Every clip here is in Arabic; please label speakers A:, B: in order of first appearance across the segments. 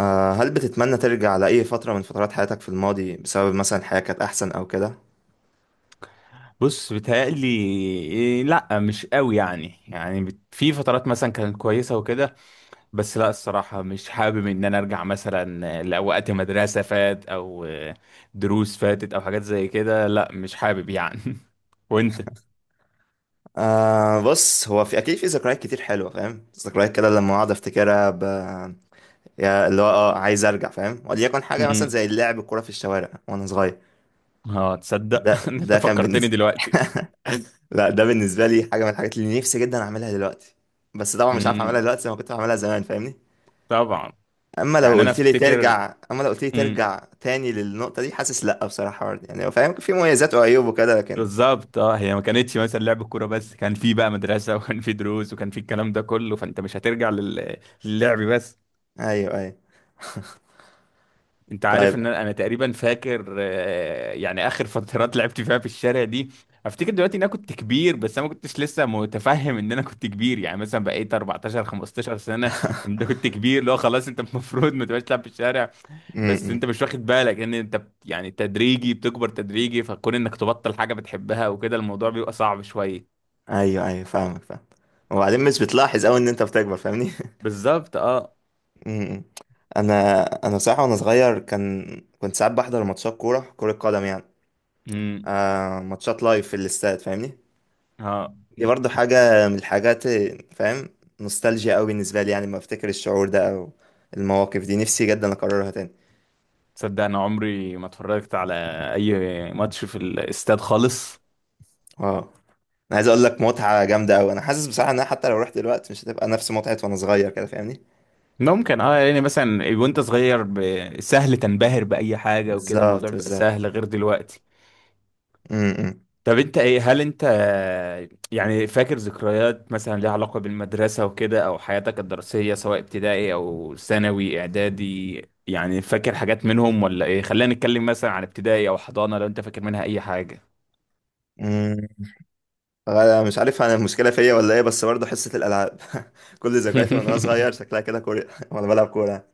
A: هل بتتمنى ترجع لأي فترة من فترات حياتك في الماضي بسبب مثلا الحياة كانت أحسن أو كده؟
B: بص بيتهيألي. إيه، لا مش قوي يعني في فترات مثلا كانت كويسة وكده. بس لا الصراحة مش حابب ان انا ارجع مثلا لوقت مدرسة فات او دروس فاتت او حاجات زي كده، لا مش حابب يعني. وانت؟
A: بص، هو في أكيد في ذكريات كتير حلوة، فاهم؟ ذكريات كده لما أقعد أفتكرها يا اللي هو عايز أرجع، فاهم؟ وليكن حاجة مثلا
B: امم.
A: زي اللعب الكورة في الشوارع وأنا صغير.
B: اه، تصدق
A: ده
B: إن انت
A: ده كان
B: فكرتني
A: بالنسبة.
B: دلوقتي.
A: لا، ده بالنسبة لي حاجة من الحاجات اللي نفسي جدا أعملها دلوقتي، بس طبعا مش عارف أعملها
B: امم.
A: دلوقتي زي ما كنت بعملها زمان، فاهمني؟
B: طبعا. يعني انا افتكر.
A: أما لو قلت لي
B: امم.
A: ترجع تاني للنقطة دي، حاسس لأ بصراحة برضه. يعني هو فاهم، في مميزات وعيوب وكده، لكن
B: بالظبط اه، هي ما كانتش مثلا لعب كوره بس، كان في بقى مدرسه وكان في دروس وكان في الكلام ده كله، فانت مش هترجع للعب بس.
A: ايوه ايوه.
B: انت عارف
A: طيب.
B: ان انا تقريبا فاكر، يعني اخر فترات لعبت فيها في الشارع دي. افتكر دلوقتي ان انا كنت كبير، بس انا ما كنتش لسه متفهم ان انا كنت كبير، يعني مثلا بقيت 14 15 سنه. انت كنت كبير، لو خلاص انت المفروض ما تبقاش تلعب في الشارع. بس
A: امم.
B: انت مش واخد بالك ان انت يعني تدريجي بتكبر، تدريجي، فكون انك تبطل حاجه بتحبها وكده الموضوع بيبقى صعب شويه.
A: ايوه ايوه، فاهمك، فاهم. وبعدين مش بتلاحظ قوي ان انت بتكبر، فاهمني.
B: بالظبط اه.
A: امم. انا بصراحه وانا صغير كان، كنت ساعات بحضر ماتشات كوره، كره قدم يعني.
B: امم.
A: ماتشات لايف في الاستاد، فاهمني.
B: اه،
A: دي برضو حاجه من الحاجات، فاهم. نوستالجيا قوي بالنسبه لي، يعني لما افتكر الشعور ده او المواقف دي، نفسي جدا اكررها تاني.
B: تصدق انا عمري ما اتفرجت على اي ماتش في الاستاد خالص.
A: اه انا عايز اقول لك متعه جامده قوي. انا حاسس بصراحه ان أنا حتى لو رحت دلوقتي مش هتبقى نفس متعه وانا صغير كده، فاهمني.
B: ممكن اه، يعني مثلا وانت صغير سهل تنبهر بأي حاجة وكده
A: بالظبط
B: الموضوع بيبقى
A: بالظبط.
B: سهل غير دلوقتي.
A: امم.
B: طب انت ايه، هل انت يعني فاكر ذكريات مثلا ليها علاقة بالمدرسة وكده او حياتك الدراسية، سواء ابتدائي او ثانوي اعدادي؟ يعني فاكر حاجات منهم ولا ايه؟ خلينا نتكلم مثلا عن ابتدائي او حضانة، لو انت فاكر منها اي حاجة.
A: مم. أنا مش عارف، انا المشكله فيا ولا ايه، بس برضه حصه الالعاب. كل ذكرياتي وانا صغير شكلها كده كوره، وانا بلعب كوره.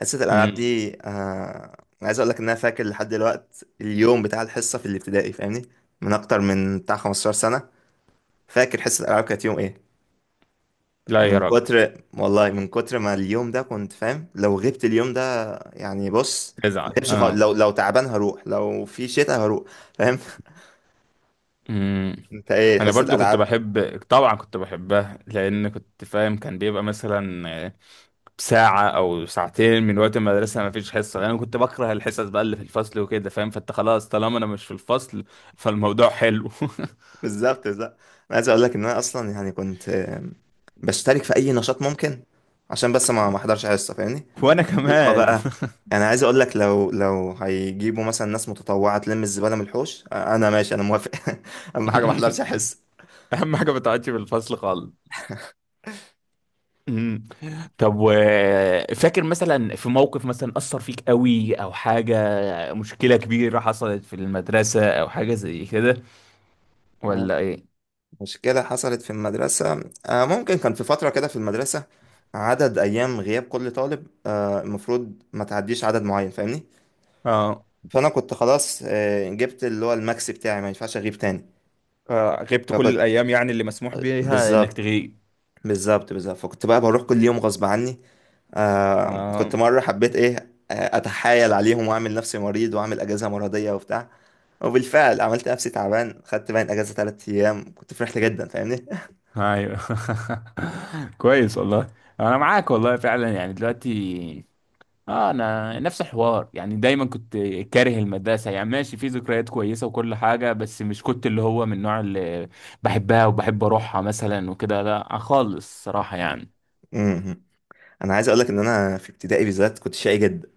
A: حصه الالعاب
B: مم.
A: دي، أنا عايز اقول لك ان انا فاكر لحد دلوقت اليوم بتاع الحصه في الابتدائي، فاهمني. من اكتر من بتاع 15 سنه، فاكر حصه الالعاب كانت يوم ايه.
B: لا يا
A: من
B: راجل.
A: كتر والله، من كتر ما اليوم ده كنت فاهم لو غبت اليوم ده، يعني بص، ما
B: تزعل.
A: غيبش خالص. لو تعبان هروح، لو في شتاء هروح، فاهم.
B: اه،
A: انت ايه،
B: انا
A: حصه
B: برضو كنت
A: الالعاب؟
B: بحب، طبعا كنت بحبها لان كنت فاهم كان بيبقى مثلا ساعة او ساعتين من وقت المدرسة ما فيش حصة، لان انا كنت بكره الحصص بقى اللي في الفصل وكده فاهم، فانت خلاص طالما انا مش في الفصل فالموضوع حلو.
A: بالظبط بالظبط. انا عايز اقول لك ان انا اصلا يعني كنت بشترك في اي نشاط ممكن عشان بس ما احضرش حصه، فاهمني.
B: وانا
A: موسيقى
B: كمان.
A: بقى، انا عايز اقول لك، لو لو هيجيبوا مثلا ناس متطوعه تلم الزباله من الحوش، انا ماشي، انا موافق. اهم حاجه ما احضرش حصه.
B: اهم حاجة ما تقعدش في الفصل خالص. أمم. طب و، فاكر مثلا في موقف مثلا أثر فيك قوي او حاجة، مشكلة كبيرة حصلت في المدرسة او حاجة زي كده،
A: آه،
B: ولا ايه؟
A: مشكله حصلت في المدرسه، ممكن كان في فتره كده في المدرسه عدد ايام غياب كل طالب، المفروض ما تعديش عدد معين، فاهمني.
B: اه.
A: فانا كنت خلاص، جبت اللي هو الماكس بتاعي، ما ينفعش اغيب تاني.
B: غبت كل
A: فكنت
B: الأيام يعني اللي مسموح بيها إنك
A: بالظبط
B: تغيب.
A: بالظبط بالظبط، فكنت بقى بروح كل يوم غصب عني. آه.
B: اه.
A: كنت مرة حبيت ايه، اتحايل عليهم واعمل نفسي مريض واعمل اجازة مرضية وبتاع، وبالفعل عملت نفسي تعبان، خدت باين اجازة ثلاث ايام، كنت فرحت جدا، فاهمني.
B: ايوه كويس والله. انا معاك والله فعلا، يعني دلوقتي اه انا نفس الحوار، يعني دايما كنت كاره المدرسه، يعني ماشي في ذكريات كويسه وكل حاجه، بس مش كنت اللي هو من النوع اللي بحبها وبحب اروحها مثلا وكده، لا خالص صراحه يعني.
A: مهم. انا عايز اقولك ان انا في ابتدائي بالذات كنت شقي جدا.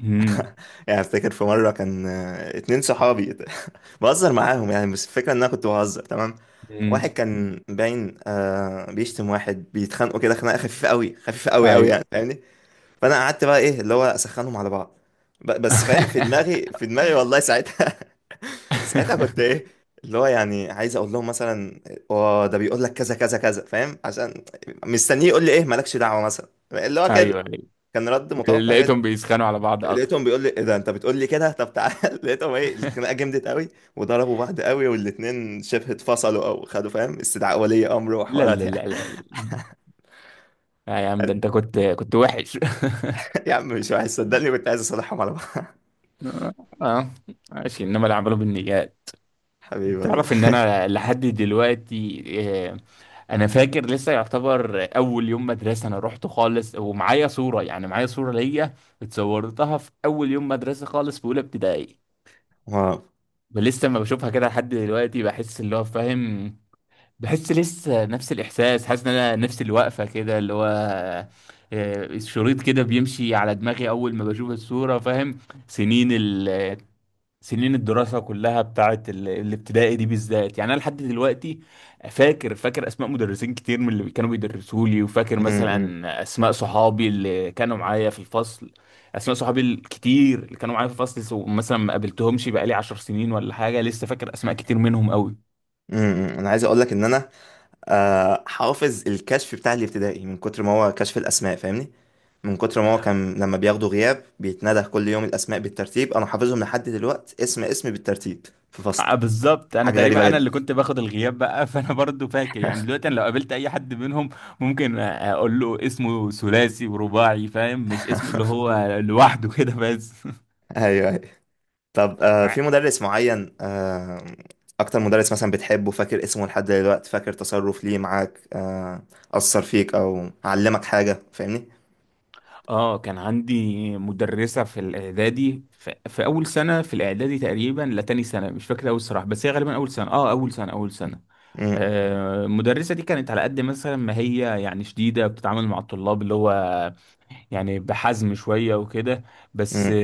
B: امم.
A: يعني افتكر في مرة كان، اتنين صحابي بهزر معاهم يعني، بس الفكرة ان انا كنت بهزر تمام.
B: أمم.
A: واحد كان باين بيشتم واحد، بيتخانقوا كده خناقة خفيفة قوي، خفيفة قوي قوي يعني،
B: ايوه.
A: فاهمني. فانا قعدت بقى ايه، اللي هو اسخنهم على بعض. بس فاهم، في دماغي في دماغي والله ساعتها، ساعتها كنت ايه، اللي هو يعني عايز اقول لهم مثلا اه ده بيقول لك كذا كذا كذا، فاهم؟ عشان مستنيه يقول لي ايه، مالكش دعوه، مثلا اللي هو كده،
B: ايوه
A: كان رد
B: ايوه.
A: متوقع كده.
B: لقيتهم بيسخنوا على بعض اكتر.
A: لقيتهم بيقول لي ايه، ده انت بتقول لي كده، طب تعال. لقيتهم ايه، الخناقه جمدت قوي وضربوا بعض قوي، والاتنين شبه اتفصلوا او خدوا فاهم استدعاء ولي امر
B: لا لا
A: وحوارات يعني.
B: لا لا، لا يا عم ده انت كنت وحش.
A: يا عم مش وحش، صدقني كنت عايز اصالحهم على بعض.
B: اه ماشي، انما اللي عملوا بالنيات.
A: حبيبي والله.
B: تعرف ان انا لحد دلوقتي، آه، انا فاكر لسه، يعتبر اول يوم مدرسه انا رحت خالص ومعايا صوره، يعني معايا صوره ليا اتصورتها في اول يوم مدرسه خالص في اولى ابتدائي،
A: واو.
B: ولسه ما بشوفها كده لحد دلوقتي بحس اللي هو فاهم، بحس لسه نفس الاحساس، حاسس ان انا نفس الوقفه كده اللي هو الشريط كده بيمشي على دماغي اول ما بشوف الصوره فاهم. سنين ال سنين الدراسه كلها بتاعت الابتدائي دي بالذات، يعني انا لحد دلوقتي فاكر اسماء مدرسين كتير من اللي كانوا بيدرسوا لي، وفاكر
A: م- م.
B: مثلا اسماء صحابي اللي كانوا معايا في الفصل، اسماء صحابي الكتير اللي كانوا معايا في الفصل، مثلا ما قابلتهمش بقالي 10 سنين ولا حاجه، لسه فاكر اسماء كتير منهم قوي.
A: امم. انا عايز اقول لك ان انا حافظ الكشف بتاع الابتدائي، من كتر ما هو كشف الاسماء، فاهمني. من كتر ما هو كان لما بياخدوا غياب بيتندى كل يوم الاسماء بالترتيب، انا حافظهم لحد دلوقتي، اسم اسم بالترتيب في فصل.
B: بالظبط، انا
A: حاجه غريبه
B: تقريبا انا
A: جدا.
B: اللي كنت باخد الغياب بقى فانا برضو فاكر، يعني دلوقتي انا لو قابلت اي حد منهم ممكن اقول له اسمه ثلاثي ورباعي فاهم، مش اسمه اللي هو لوحده كده بس.
A: ايوه ايوه. طب
B: مع-
A: في مدرس معين، اكتر مدرس مثلا بتحبه، فاكر اسمه لحد دلوقتي، فاكر تصرف ليه معاك، اثر فيك او علمك حاجه، فاهمني.
B: اه كان عندي مدرسة في الاعدادي، في اول سنة في الاعدادي تقريبا، لا تاني سنة، مش فاكر اول صراحة، بس هي غالبا اول سنة، اه اول سنة اول سنة.
A: امم
B: المدرسة دي كانت على قد مثلا ما هي يعني شديدة بتتعامل مع الطلاب اللي هو يعني بحزم شوية وكده، بس.
A: امم.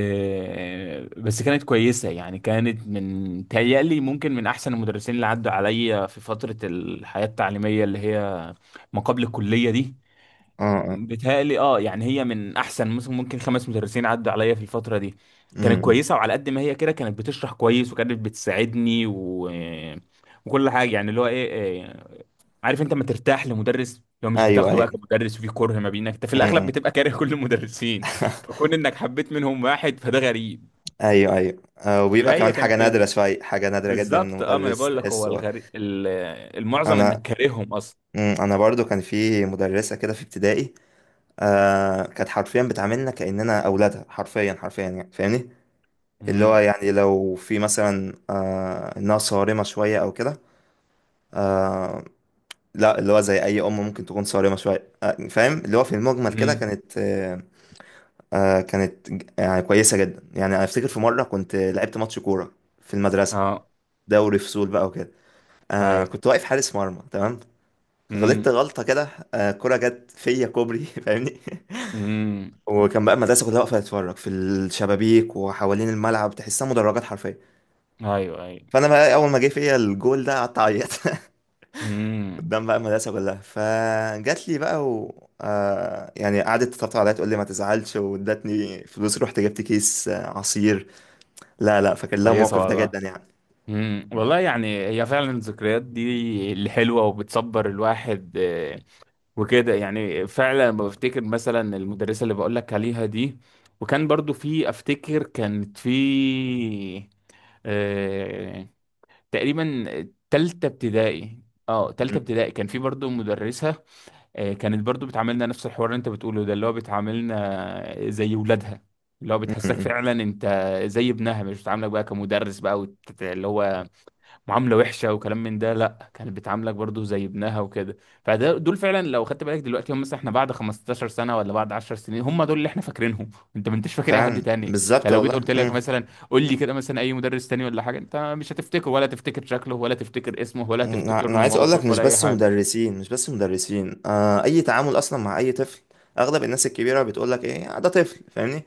B: بس كانت كويسة، يعني كانت من تهيألي ممكن من أحسن المدرسين اللي عدوا عليا في فترة الحياة التعليمية اللي هي ما قبل الكلية دي.
A: اه. آه.
B: بتهيألي اه، يعني هي من أحسن مثلا ممكن خمس مدرسين عدوا عليا في الفترة دي. كانت
A: امم امم.
B: كويسة، وعلى قد ما هي كده كانت بتشرح كويس وكانت بتساعدني وكل حاجة، يعني اللي هو ايه، إيه، عارف انت ما ترتاح لمدرس لو مش
A: ايوه
B: بتاخده بقى
A: ايوه.
B: كمدرس وفي كره ما بينك، انت في الاغلب
A: امم.
B: بتبقى كاره كل المدرسين، فكون انك حبيت منهم واحد فده غريب.
A: ايوه ايوه، وبيبقى
B: فهي
A: كمان حاجه
B: كانت كده.
A: نادره شويه، حاجه نادره جدا ان
B: بالظبط اه. ما انا
A: مدرس
B: بقول لك هو
A: تحسه.
B: الغريب، المعظم انك
A: انا،
B: كارههم اصلا.
A: انا برضو كان في مدرسه كده في ابتدائي، كانت حرفيا بتعاملنا كاننا اولادها، حرفيا حرفيا يعني، فاهمني. اللي هو
B: امم.
A: يعني لو في مثلا انها صارمه شويه او كده. آه. لا، اللي هو زي اي ام ممكن تكون صارمه شويه، فاهم، اللي هو في المجمل كده
B: امم.
A: كانت كانت يعني كويسه جدا. يعني انا افتكر في مره كنت لعبت ماتش كوره في المدرسه،
B: اه.
A: دوري فصول بقى وكده.
B: ايوه.
A: كنت واقف حارس مرمى تمام، غلطت
B: امم.
A: غلطة كده، كرة جت فيا كوبري، فاهمني.
B: امم.
A: وكان بقى المدرسة كلها واقفة تتفرج في الشبابيك وحوالين الملعب، تحسها مدرجات حرفيا.
B: ايوه ايوه.
A: فأنا بقى أول ما جه فيا الجول ده قعدت أعيط
B: امم.
A: قدام بقى المدرسة كلها. فجات لي بقى و يعني قعدت تطبطب عليا، تقول لي ما تزعلش، وادتني فلوس، رحت جبت كيس عصير. لا لا، فاكر لها
B: كويسه
A: الموقف ده
B: والله.
A: جدا يعني.
B: والله، يعني هي فعلا الذكريات دي الحلوه وبتصبر الواحد، وكده يعني، فعلا لما بفتكر مثلا المدرسة اللي بقولك عليها دي، وكان برضو في، افتكر كانت في آه تقريبا تالتة ابتدائي. اه تالتة
A: م-
B: ابتدائي كان في برضو مدرسة آه كانت برضو بتعاملنا نفس الحوار اللي انت بتقوله ده، اللي هو بتعاملنا زي ولادها، اللي هو
A: م-
B: بتحسسك
A: م.
B: فعلا انت زي ابنها، مش بتعاملك بقى كمدرس بقى اللي هو معامله وحشه وكلام من ده، لا كانت بتعاملك برضو زي ابنها وكده. فده دول فعلا، لو خدت بالك دلوقتي هم مثلا احنا بعد 15 سنه ولا بعد 10 سنين، هم دول اللي احنا فاكرينهم. انت ما انتش فاكر اي حد
A: فعلا،
B: تاني،
A: بالظبط
B: يعني لو جيت
A: والله.
B: قلت
A: م.
B: لك مثلا قول لي كده مثلا اي مدرس تاني ولا حاجه، انت مش هتفتكره ولا تفتكر شكله ولا تفتكر اسمه ولا
A: انا،
B: تفتكر
A: أنا
B: له
A: عايز اقول لك
B: موقف
A: مش
B: ولا اي
A: بس
B: حاجه.
A: مدرسين، مش بس مدرسين، اي تعامل اصلا مع اي طفل. اغلب الناس الكبيره بتقول لك ايه "ده طفل"، فاهمني.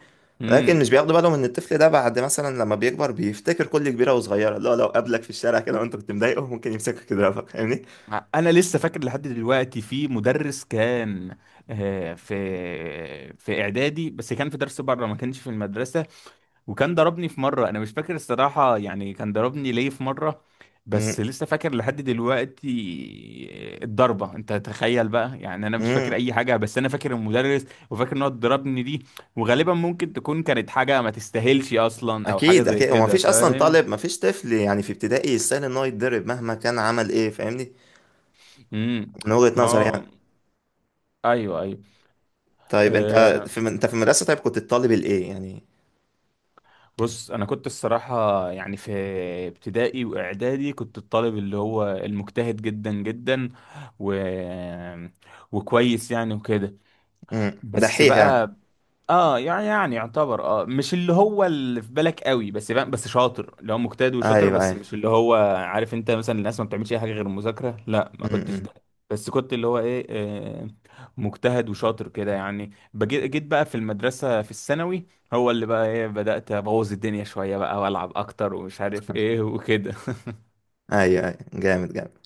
A: لكن مش
B: امم.
A: بياخدوا بالهم ان الطفل ده بعد مثلا لما بيكبر بيفتكر كل كبيره وصغيره. لا، لو قابلك في الشارع كده وانت كنت مضايقه ممكن يمسكك يضربك، فاهمني.
B: انا لسه فاكر لحد دلوقتي في مدرس كان في اعدادي، بس كان في درس بره ما كانش في المدرسه، وكان ضربني في مرة، أنا مش فاكر الصراحة يعني كان ضربني ليه في مرة، بس
A: امم.
B: لسه فاكر لحد دلوقتي الضربة. أنت تخيل بقى، يعني أنا مش فاكر
A: أمم.
B: أي حاجة بس أنا فاكر المدرس وفاكر إن هو ضربني دي، وغالبا ممكن تكون كانت حاجة ما تستاهلش أصلا أو حاجة
A: اكيد
B: زي
A: اكيد، هو
B: كده
A: مفيش اصلا طالب،
B: فاهم؟
A: مفيش طفل يعني في ابتدائي يستاهل ان هو يتضرب مهما كان عمل ايه، فاهمني.
B: امم.
A: من وجهه
B: ما
A: نظري
B: هو،
A: يعني.
B: أيوه أيوه.
A: طيب انت،
B: أه...
A: في انت في المدرسه، طيب كنت الطالب الايه يعني؟
B: بص انا كنت الصراحه، يعني في ابتدائي واعدادي كنت الطالب اللي هو المجتهد جدا جدا و... وكويس يعني وكده،
A: امم،
B: بس
A: دحيح يعني.
B: بقى اه يعني يعتبر اه مش اللي هو اللي في بالك قوي بس فاهم، بس شاطر اللي هو مجتهد وشاطر،
A: ايوه
B: بس
A: ايوه.
B: مش اللي هو عارف انت مثلا الناس ما بتعملش اي حاجه غير المذاكره، لا ما كنتش
A: امم.
B: ده. بس كنت اللي هو ايه، مجتهد وشاطر كده يعني. جيت بقى في المدرسه في الثانوي، هو اللي بقى ايه، بدات ابوظ الدنيا شويه بقى والعب اكتر ومش عارف ايه وكده.
A: ايوه ايوه، جامد جامد.